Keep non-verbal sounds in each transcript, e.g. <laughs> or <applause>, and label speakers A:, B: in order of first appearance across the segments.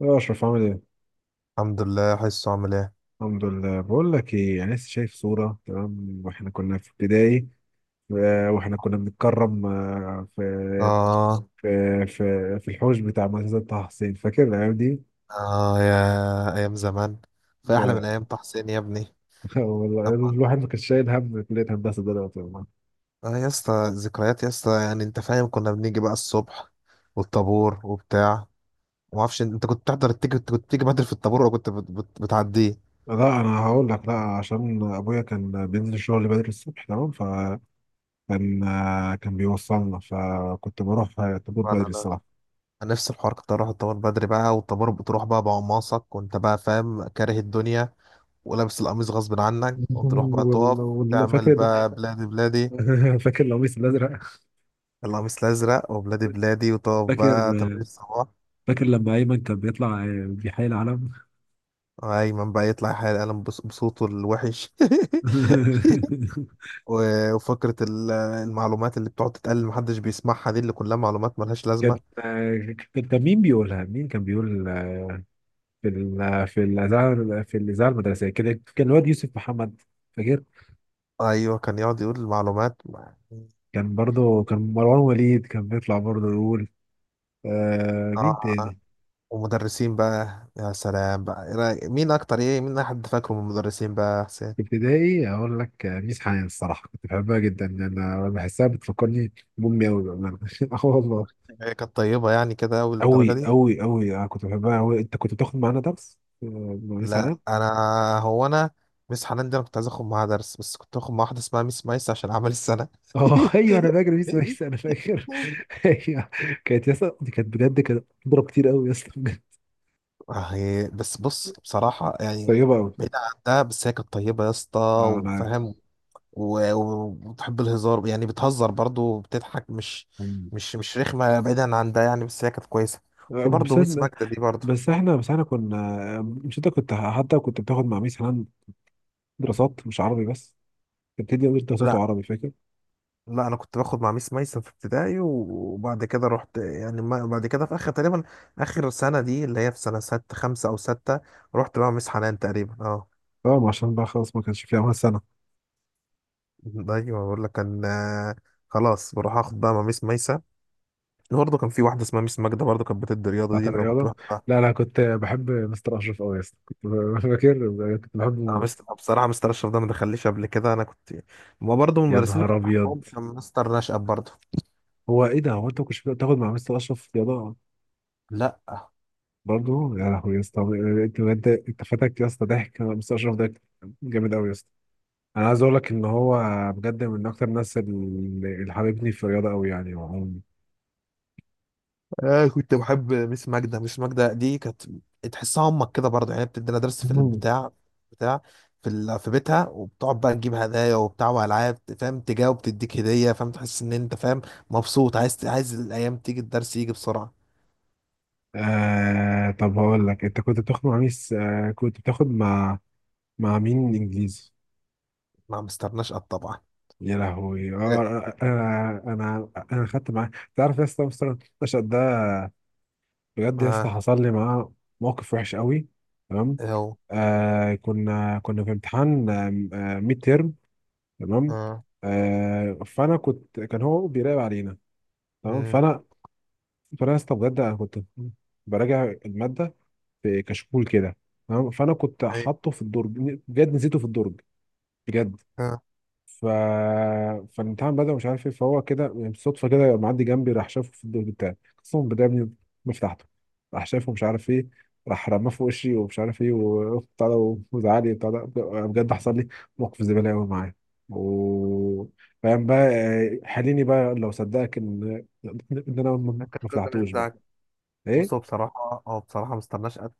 A: يا أشرف عامل إيه؟
B: الحمد لله. حسه عامل ايه؟
A: الحمد لله، بقول لك إيه، أنا لسه شايف صورة، تمام وإحنا كنا في ابتدائي. وإحنا كنا بنتكرم
B: آه.
A: في في الحوش بتاع مدرسة طه حسين، فاكر الأيام دي؟
B: آه، يا أيام زمان. في أحلى من
A: ف-
B: أيام تحسين يا ابني.
A: <laughs> والله
B: أما
A: الواحد ما كانش شايل هم كلية هندسة ده دلوقتي والله.
B: آه، يا اسطى، ذكريات يا اسطى، يعني أنت فاهم، كنا بنيجي بقى الصبح والطابور وبتاع، وما أعرفش أنت كنت بتحضر التيجي كنت بتيجي بدري في الطابور، ولا كنت بتعديه.
A: لا أنا هقول لك، لا عشان أبويا كان بينزل الشغل بدري الصبح، تمام، فكان كان بيوصلنا فكنت بروح طابور
B: أنا
A: بدري
B: أنا
A: الصراحة.
B: أنا نفس الحوار، كنت أروح الطابور بدري بقى، والطابور بتروح بقى بقماصك، وأنت بقى فاهم كاره الدنيا، ولابس القميص غصب عنك،
A: <laughs>
B: وتروح بقى تقف،
A: والله والله
B: تعمل
A: فاكر.
B: بقى بلادي بلادي.
A: <laughs> فاكر القميص الأزرق.
B: القميص الأزرق، وبلادي بلادي، وطب
A: فاكر،
B: بقى تمام الصباح.
A: فاكر لما ايمن كان بيطلع بيحيي العلم.
B: وأيمن بقى يطلع يحيي القلم بصوته الوحش.
A: <laughs>
B: <laughs> وفكرة المعلومات اللي بتقعد تتقال محدش بيسمعها، دي اللي كلها معلومات ملهاش
A: كان،
B: لازمة.
A: كان مين بيقولها؟ مين كان بيقول؟ في الاذاعه المدرسيه كده كان الواد يوسف محمد، فاكر؟
B: أيوة، كان يقعد يقول المعلومات.
A: كان برضه كان مروان وليد كان بيطلع برضه يقول. آه، مين
B: آه.
A: تاني؟
B: ومدرسين بقى، يا سلام، بقى إيه مين أكتر، إيه، مين أحد فاكره من المدرسين بقى يا حسين؟
A: في ابتدائي اقول لك، ميس حنان الصراحه كنت بحبها جدا، انا بحسها بتفكرني بامي قوي بامانه. <laughs> اه والله.
B: هي كانت طيبة يعني كده، أوي للدرجة
A: قوي
B: دي؟
A: قوي قوي، انا كنت بحبها قوي. انت كنت بتاخد معانا درس مع ميس؟
B: لا، انا، مس حنان دي انا كنت عايز اخد معاها درس، بس كنت اخد مع واحده اسمها ميس مايس عشان عمل السنه.
A: اه <laughs> ايوه انا فاكر بيس ميس،
B: <laughs>
A: انا فاكر. <laughs> ايوه. كانت يا اسطى دي كانت بجد كانت بتضرب كتير قوي يا اسطى بجد.
B: آه، هي بس، بص، بصراحه يعني،
A: طيبه قوي.
B: بعيد عن ده بس هي كانت طيبه يا اسطى،
A: اه انا عارف.
B: وفاهم، وبتحب الهزار، يعني بتهزر برضو وبتضحك، مش
A: مم.
B: مش مش رخمه، بعيدا عن ده يعني، بس هي كانت كويسه.
A: آه،
B: في برضو
A: بس
B: ميس
A: إن-
B: ماجدة دي برضو.
A: بس احنا كنا مش، انت كنت، حتى كنت بتاخد مع ميس حنان دراسات مش عربي بس. كانت بتدي ميس دراسات
B: لا
A: وعربي، فاكر؟
B: لا، انا كنت باخد مع ميس ميسن في ابتدائي، وبعد كده رحت يعني، بعد كده في اخر تقريبا، اخر سنه دي اللي هي في سنه ستة خمسة او ستة، رحت بقى مع ميس حنان تقريبا. اه.
A: اه، ما عشان بقى خلاص ما كانش فيها اول سنه.
B: <laughs> ايوه، بقول لك كان، خلاص بروح اخد بقى مع ميس ميسة. برضه كان في واحده اسمها ميس ماجده برضه، كانت بتدي رياضه دي
A: بتاعت
B: اللي انا كنت
A: الرياضه؟
B: بحبها.
A: لا لا، كنت بحب مستر اشرف قوي يا اسطى، <laughs> فاكر كنت بحبه
B: انا
A: موت.
B: بصراحه مستر اشرف ده ما دخليش قبل كده، انا كنت، ما، برضه من
A: يا
B: المدرسين اللي
A: نهار
B: كنت
A: ابيض،
B: بحبهم كان مستر نشأت برضه.
A: هو ايه ده؟ هو انت ما كنتش بتاخد مع مستر اشرف رياضه
B: لا.
A: برضه يا لهوي يا اسطى؟ انت بجد انت فاتك يا اسطى ضحك مستر اشرف ده، جامد قوي يا اسطى. انا عايز اقول لك ان هو بجد من اكتر الناس اللي حبيبني في الرياضه قوي، يعني وعموماً.
B: آه، كنت بحب ميس ماجدة. ميس ماجدة دي كانت تحسها امك كده برضه، يعني بتدينا درس في
A: مم.
B: البتاع بتاع في ال... في بيتها، وبتقعد بقى تجيب هدايا وبتاع والعاب، فاهم، تجاوب، تديك هدية، فاهم، تحس ان انت فاهم، مبسوط، عايز الايام تيجي، الدرس يجي بسرعة.
A: آه، طب هقول لك، انت كنت بتاخد مع مين س- آه كنت بتاخد مع مع مين انجليزي؟
B: ما مستناش قد طبعا.
A: يا لهوي
B: اه.
A: اه. انا خدت معاه، تعرف يا اسطى، مستر النشأت ده بجد يا اسطى،
B: آه.
A: حصل لي معاه موقف وحش قوي، تمام؟
B: اهو.
A: آه، كنا، كنا في امتحان ميد تيرم، تمام؟
B: اه.
A: آه، فانا كنت، كان هو بيراقب علينا، تمام.
B: امم.
A: فانا فانا استبجد انا كنت براجع الماده في كشكول كده، تمام، فانا كنت
B: اي.
A: حاطه في الدرج، بجد نسيته في الدرج، بجد.
B: اه.
A: ف فالامتحان بدأ، مش عارف ايه، فهو كده يعني بالصدفه كده يبقى معدي جنبي، راح شافه في الدور بتاعي، قسما بالله يا ابني ما فتحته. راح شافه مش عارف ايه، راح رماه في وشي ومش عارف ايه وبتاع ده، وزعلي وبتاع ده، بجد حصل لي موقف زباله قوي معاه. و فاهم بقى حليني بقى لو صدقك ان ان انا ما
B: كانت
A: ما
B: كل ده مش
A: فتحتوش بقى.
B: بتاعك؟ بصوا،
A: ايه؟
B: بصراحة مستناش قد،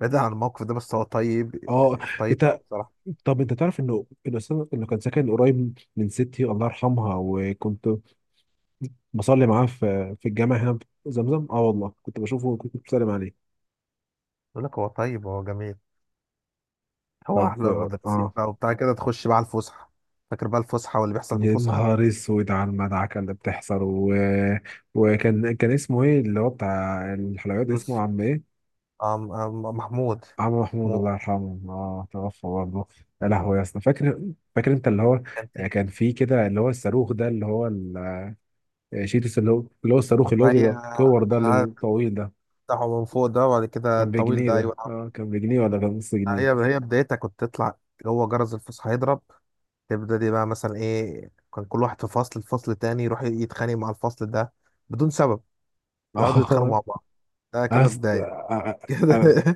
B: بعيدا عن الموقف ده، بس هو طيب،
A: اه.
B: يعني طيب أوي
A: انت،
B: بصراحة.
A: طب انت تعرف انه الاستاذ اللي كان ساكن قريب من ستي الله يرحمها، وكنت بصلي معاه في في الجامع هنا في زمزم، اه والله كنت بشوفه كنت بسلم عليه.
B: بقول لك، هو طيب، هو جميل، هو
A: طب،
B: احلى المدرسين
A: اه.
B: بقى وبتاع كده. تخش بقى على الفسحه، فاكر بقى الفسحه واللي بيحصل في
A: يا
B: الفسحه؟
A: نهار اسود على المدعكه اللي بتحصل و... وكان، كان اسمه ايه، اللي هو بتاع الحلويات، اسمه
B: يوسف.
A: عم ايه؟
B: أم محمود.
A: عم محمود،
B: محمود.
A: الله يرحمه، اه توفى برضه. يا لهوي يا اسطى، فاكر، فاكر انت اللي هو،
B: كانتين.
A: كان فيه كده اللي هو الصاروخ ده، اللي هو ال- آه، شيتوس، اللي هو اللي هو الصاروخ اللي هو
B: هي
A: بيبقى كور ده، اللي
B: آه،
A: بيبقى طويل ده.
B: بتاعه من فوق ده، وبعد كده
A: كان
B: الطويل
A: بجنيه
B: ده،
A: ده،
B: ايوه.
A: اه، كان بجنيه ولا كان نص
B: هي
A: جنيه؟
B: هي بدايتها، كنت تطلع، هو جرس الفسحه يضرب، تبدا دي بقى مثلا، ايه، كان كل واحد في فصل تاني، يروح يتخانق مع الفصل ده بدون سبب، يقعدوا
A: <laughs>
B: يتخانقوا
A: اه.
B: مع بعض. ده كده بدايه. <laughs> كده.
A: أصل-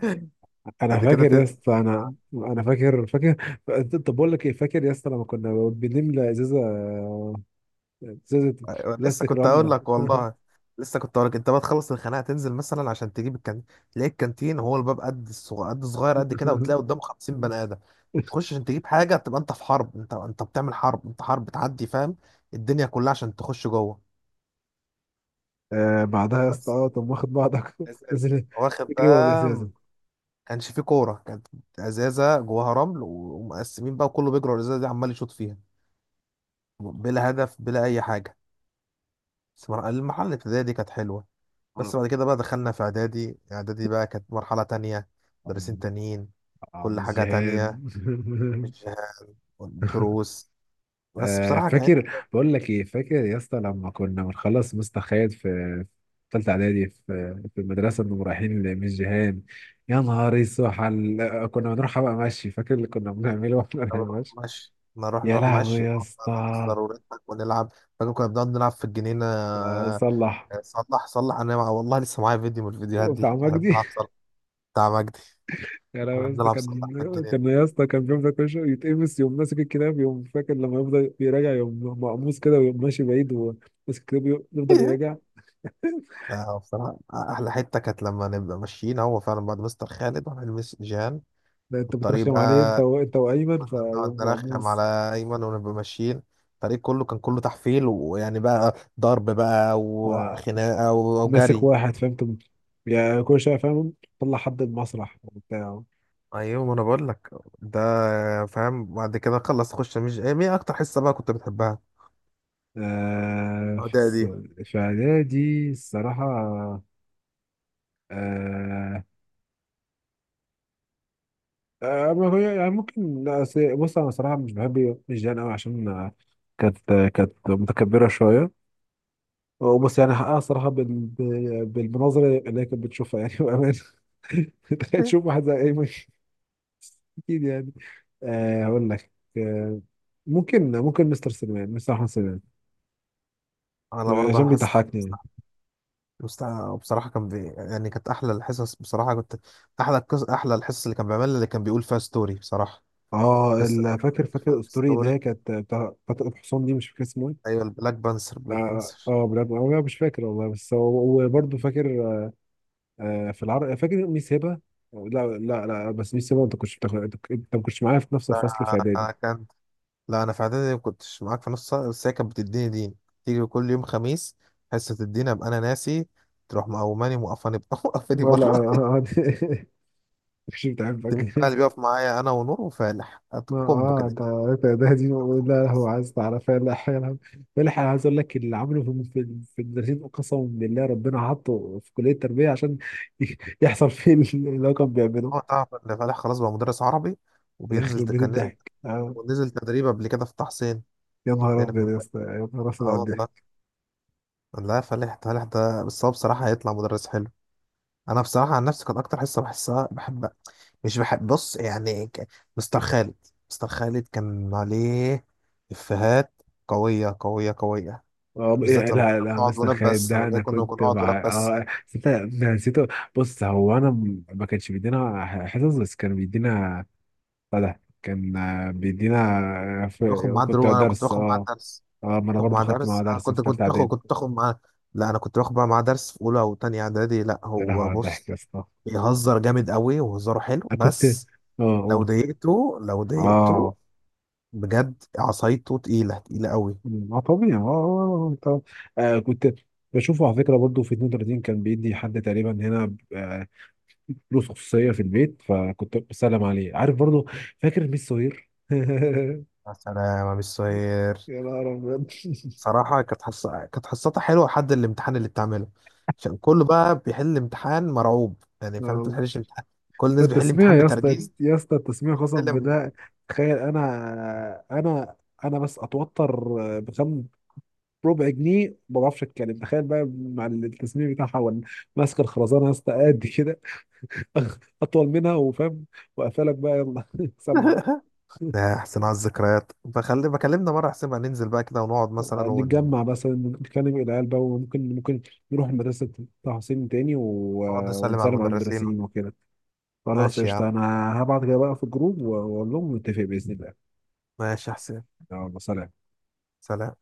A: انا
B: بعد كده
A: فاكر يا
B: تنسى.
A: اسطى، انا فاكر، فاكر. طب بقول لك ايه، فاكر يا اسطى لما كنا بنملى ازازه، ازازه
B: أيوة، لسه
A: بلاستيك
B: كنت
A: رمله.
B: اقول لك والله،
A: <laughs>
B: لسه كنت اقول لك، انت بقى تخلص الخناقه، تنزل مثلا عشان تجيب الكانتين، تلاقي الكانتين هو الباب قد صغير قد كده، وتلاقي قدامه 50 بني ادم، تخش عشان تجيب حاجه، تبقى انت في حرب، انت بتعمل حرب، انت حرب بتعدي، فاهم، الدنيا كلها عشان تخش جوه.
A: آه بعدها يا اسطى،
B: بس
A: اه طب واخد بعضك <laughs>
B: ازازه،
A: نزل
B: واخد
A: تجري ورا
B: بقى، ما
A: الازازه.
B: كانش فيه كوره، كانت ازازه جواها رمل، ومقسمين بقى وكله بيجري ورا الازازه دي، عمال يشوط فيها، بلا هدف بلا اي حاجه. بس المرحله الابتدائيه دي كانت حلوه. بس
A: اه،
B: بعد كده بقى دخلنا في اعدادي. اعدادي بقى كانت مرحلة تانية، مدرسين تانيين،
A: آه،
B: كل
A: مش
B: حاجة
A: جهاد.
B: تانية،
A: <laughs>
B: مش دروس بس، بصراحة، كان
A: فاكر بقول لك ايه، فاكر يا اسطى لما كنا بنخلص مستخيل في ثالثه اعدادي، في في المدرسه، انهم رايحين لميس جيهان؟ يا نهار اسود كنا بنروح بقى مشي، فاكر اللي كنا بنعمله واحنا
B: كنا
A: رايحين
B: بنروح
A: مشي؟
B: مشي، نروح
A: يا
B: نروح
A: لهوي
B: مشي
A: يا
B: ونقعد بقى
A: اسطى.
B: نهزر ونضحك ونلعب. فاكر كنا بنقعد نلعب في الجنينة؟
A: صلح
B: صلح. صلح والله، لسه معايا فيديو من الفيديوهات
A: بتاع
B: دي، احنا
A: مجدي.
B: بنلعب صلح، بتاع مجدي.
A: <laughs> يا لهوي
B: احنا
A: يا اسطى،
B: بنلعب صلح في
A: كان، كان
B: الجنينة.
A: يا اسطى كان بيفضل كل شويه يتقمص، يوم ماسك الكتاب، يوم فاكر لما يفضل يراجع، يوم مقموص كده، ويوم ماشي بعيد وماسك الكتاب يفضل يراجع.
B: <laughs> لا، هو بصراحة أحلى حتة كانت لما نبقى ماشيين، هو فعلا بعد مستر خالد، وهنلمس جان
A: ده انت
B: والطريق
A: بترخم عليه انت
B: بقى،
A: و... انت وايمن،
B: كنا بنقعد
A: فيقوم
B: نرخم على
A: مقموص.
B: ايمن، ونبقى ماشيين، الفريق كله كان كله تحفيل، ويعني بقى ضرب بقى
A: آه.
B: وخناقه
A: ماسك
B: وجري.
A: واحد، فهمت يعني، كل شويه فاهم طلع حد المسرح وبتاع.
B: ايوه، ما انا بقول لك ده، فاهم، بعد كده خلص خش، مش ايه مين اكتر حصه بقى كنت بتحبها؟
A: آه.
B: العداء دي،
A: في اعدادي الصراحه. آه. آه. ما هو يعني ممكن، لا، أصل- بص انا صراحه مش بحب الجيران قوي، عشان كانت، كانت متكبره شويه، وبص يعني حقها صراحه بالمناظر اللي هي كانت بتشوفها يعني، <laughs> بامان. <laughs> تخيل تشوف واحد زي ايمن، اكيد يعني. آه هقول لك. آه، ممكن، ممكن مستر سليمان، مستر احمد سليمان،
B: انا برضه
A: عشان
B: حاسس،
A: بيضحكني يعني.
B: مست- بصراحه كان يعني كانت احلى الحصص بصراحه، كنت احلى الحصص، اللي كان بيعملها، اللي كان بيقول فيها ستوري بصراحه. القصه اللي كان
A: فاكر،
B: بيحكي
A: فاكر
B: فيها
A: الاسطوري اللي هي
B: الستوري،
A: كانت بتاع فتى الحصان دي، مش فاكر اسمه ايه.
B: ايوه، البلاك بانسر،
A: اه،
B: بلاك
A: آه،
B: بانسر.
A: آه، بجد انا مش فاكر والله، بس هو وبرضه فاكر. آه في العرب، فاكر ميس هبه. لا لا لا، بس ميس هبه انت كنتش بتاخد، انت ما كنتش معايا في نفس الفصل في اعدادي.
B: ده كان. لا، انا في اعدادي ما كنتش معاك في نص سنه، بس هي كانت بتديني دين، تيجي كل يوم خميس، حصه الدين ابقى انا ناسي، تروح مقوماني موقفاني، <laughs> موقفاني
A: لا لا
B: بره.
A: أنا- أنا- <laughs> مش بتحبك.
B: تمين بقى اللي بيقف معايا، انا ونور وفالح،
A: ما
B: كومبو
A: اه
B: كده.
A: ده دي.
B: يوم
A: لا هو
B: خميس.
A: عايز تعرفها، لا حاجه الحق، أنا عايز اقول لك اللي عمله في المدرسين، قسما بالله ربنا حطه في كليه التربيه عشان <laughs> ي- يحصل فيه اللي هو كان بيعمله.
B: هو تعرف ان فالح خلاص بقى مدرس عربي، وبينزل
A: يخرب بيت
B: كان نزل،
A: الضحك. آه.
B: ونزل تدريب قبل كده في طه حسين،
A: يا نهار
B: لأن في
A: ابيض يا
B: المدرسة.
A: اسطى، يا نهار ابيض
B: اه
A: على
B: والله.
A: الضحك.
B: لا، فالح، فالح ده بس هو بصراحه هيطلع مدرس حلو. انا بصراحه عن نفسي، كانت اكتر حصه بحسها بحب، مش بحب، بص يعني، مستر خالد. مستر خالد كان عليه افيهات، قويه قويه قويه،
A: اه،
B: بالذات
A: إيه،
B: لما
A: لا
B: كنا
A: لا،
B: بنقعد
A: مستر
B: ولاد
A: خالد
B: بس،
A: ده
B: لما
A: انا
B: كنا
A: كنت
B: بنقعد ولاد
A: مع،
B: بس،
A: اه بس انت، أنا نسيته. بص هو انا ما كانش بيدينا حصص بس كان بيدينا بتاع ده، كان بيدينا
B: باخد معاه
A: كنت
B: دروس، انا كنت
A: درس،
B: باخد معاه
A: اه.
B: درس،
A: اه، ما انا
B: باخد
A: برضو
B: معاه
A: خدت معاه
B: درس، انا
A: درس في
B: كنت
A: ثالثه
B: كنت باخد،
A: اعدادي.
B: كنت باخد معاه. لا، انا كنت باخد بقى معاه درس في اولى وتانية اعدادي. لا
A: يا لهوي
B: هو
A: على الضحك
B: بص،
A: يا اسطى.
B: بيهزر جامد قوي وهزاره حلو،
A: انا كنت،
B: بس
A: اه
B: لو
A: قول.
B: ضايقته، لو
A: اه،
B: ضايقته بجد، عصايته تقيله تقيله قوي.
A: اه طبيعي، اه، آه، آه، طب. آه كنت بشوفه على فكره برضه في 32، كان بيدي حد تقريبا هنا فلوس خصوصيه في البيت، فكنت بسلم عليه، عارف، برضه. فاكر ميس سوير. <laughs>
B: يا سلام يا مستر.
A: يا نهار ابيض.
B: صراحة كانت حصتها حلوة لحد الامتحان اللي بتعمله، عشان كله بقى بيحل امتحان مرعوب يعني،
A: <laughs>
B: فاهم، انت ما
A: آه،
B: بتحلش امتحان، كل الناس بيحل
A: التسميع
B: امتحان
A: يا اسطى،
B: بترجيز،
A: يا اسطى التسميع قسما
B: بتحل.
A: بالله. تخيل انا بس اتوتر، بخم ربع جنيه ما بعرفش اتكلم، تخيل بقى مع التصميم بتاعها ماسكه الخرزانه يا اسطى قد كده، <laughs> اطول منها وفاهم، وقفلك بقى يلا <laughs> سمع.
B: <laughs> يا حسين، على الذكريات، بخلي بكلمنا مرة، حسين بقى، ننزل بقى كده، ونقعد مثلا، ونقعد
A: نتجمع مثلا نتكلم العيال بقى، وممكن، ممكن نروح مدرسه طه حسين تاني و...
B: نسلم على
A: ونسلم على
B: المدرسين.
A: المدرسين وكده. خلاص
B: ماشي يا عم.
A: قشطه. انا هبعت كده بقى في الجروب واقول لهم، نتفق باذن الله.
B: ماشي يا حسين.
A: يلا سلام.
B: سلام.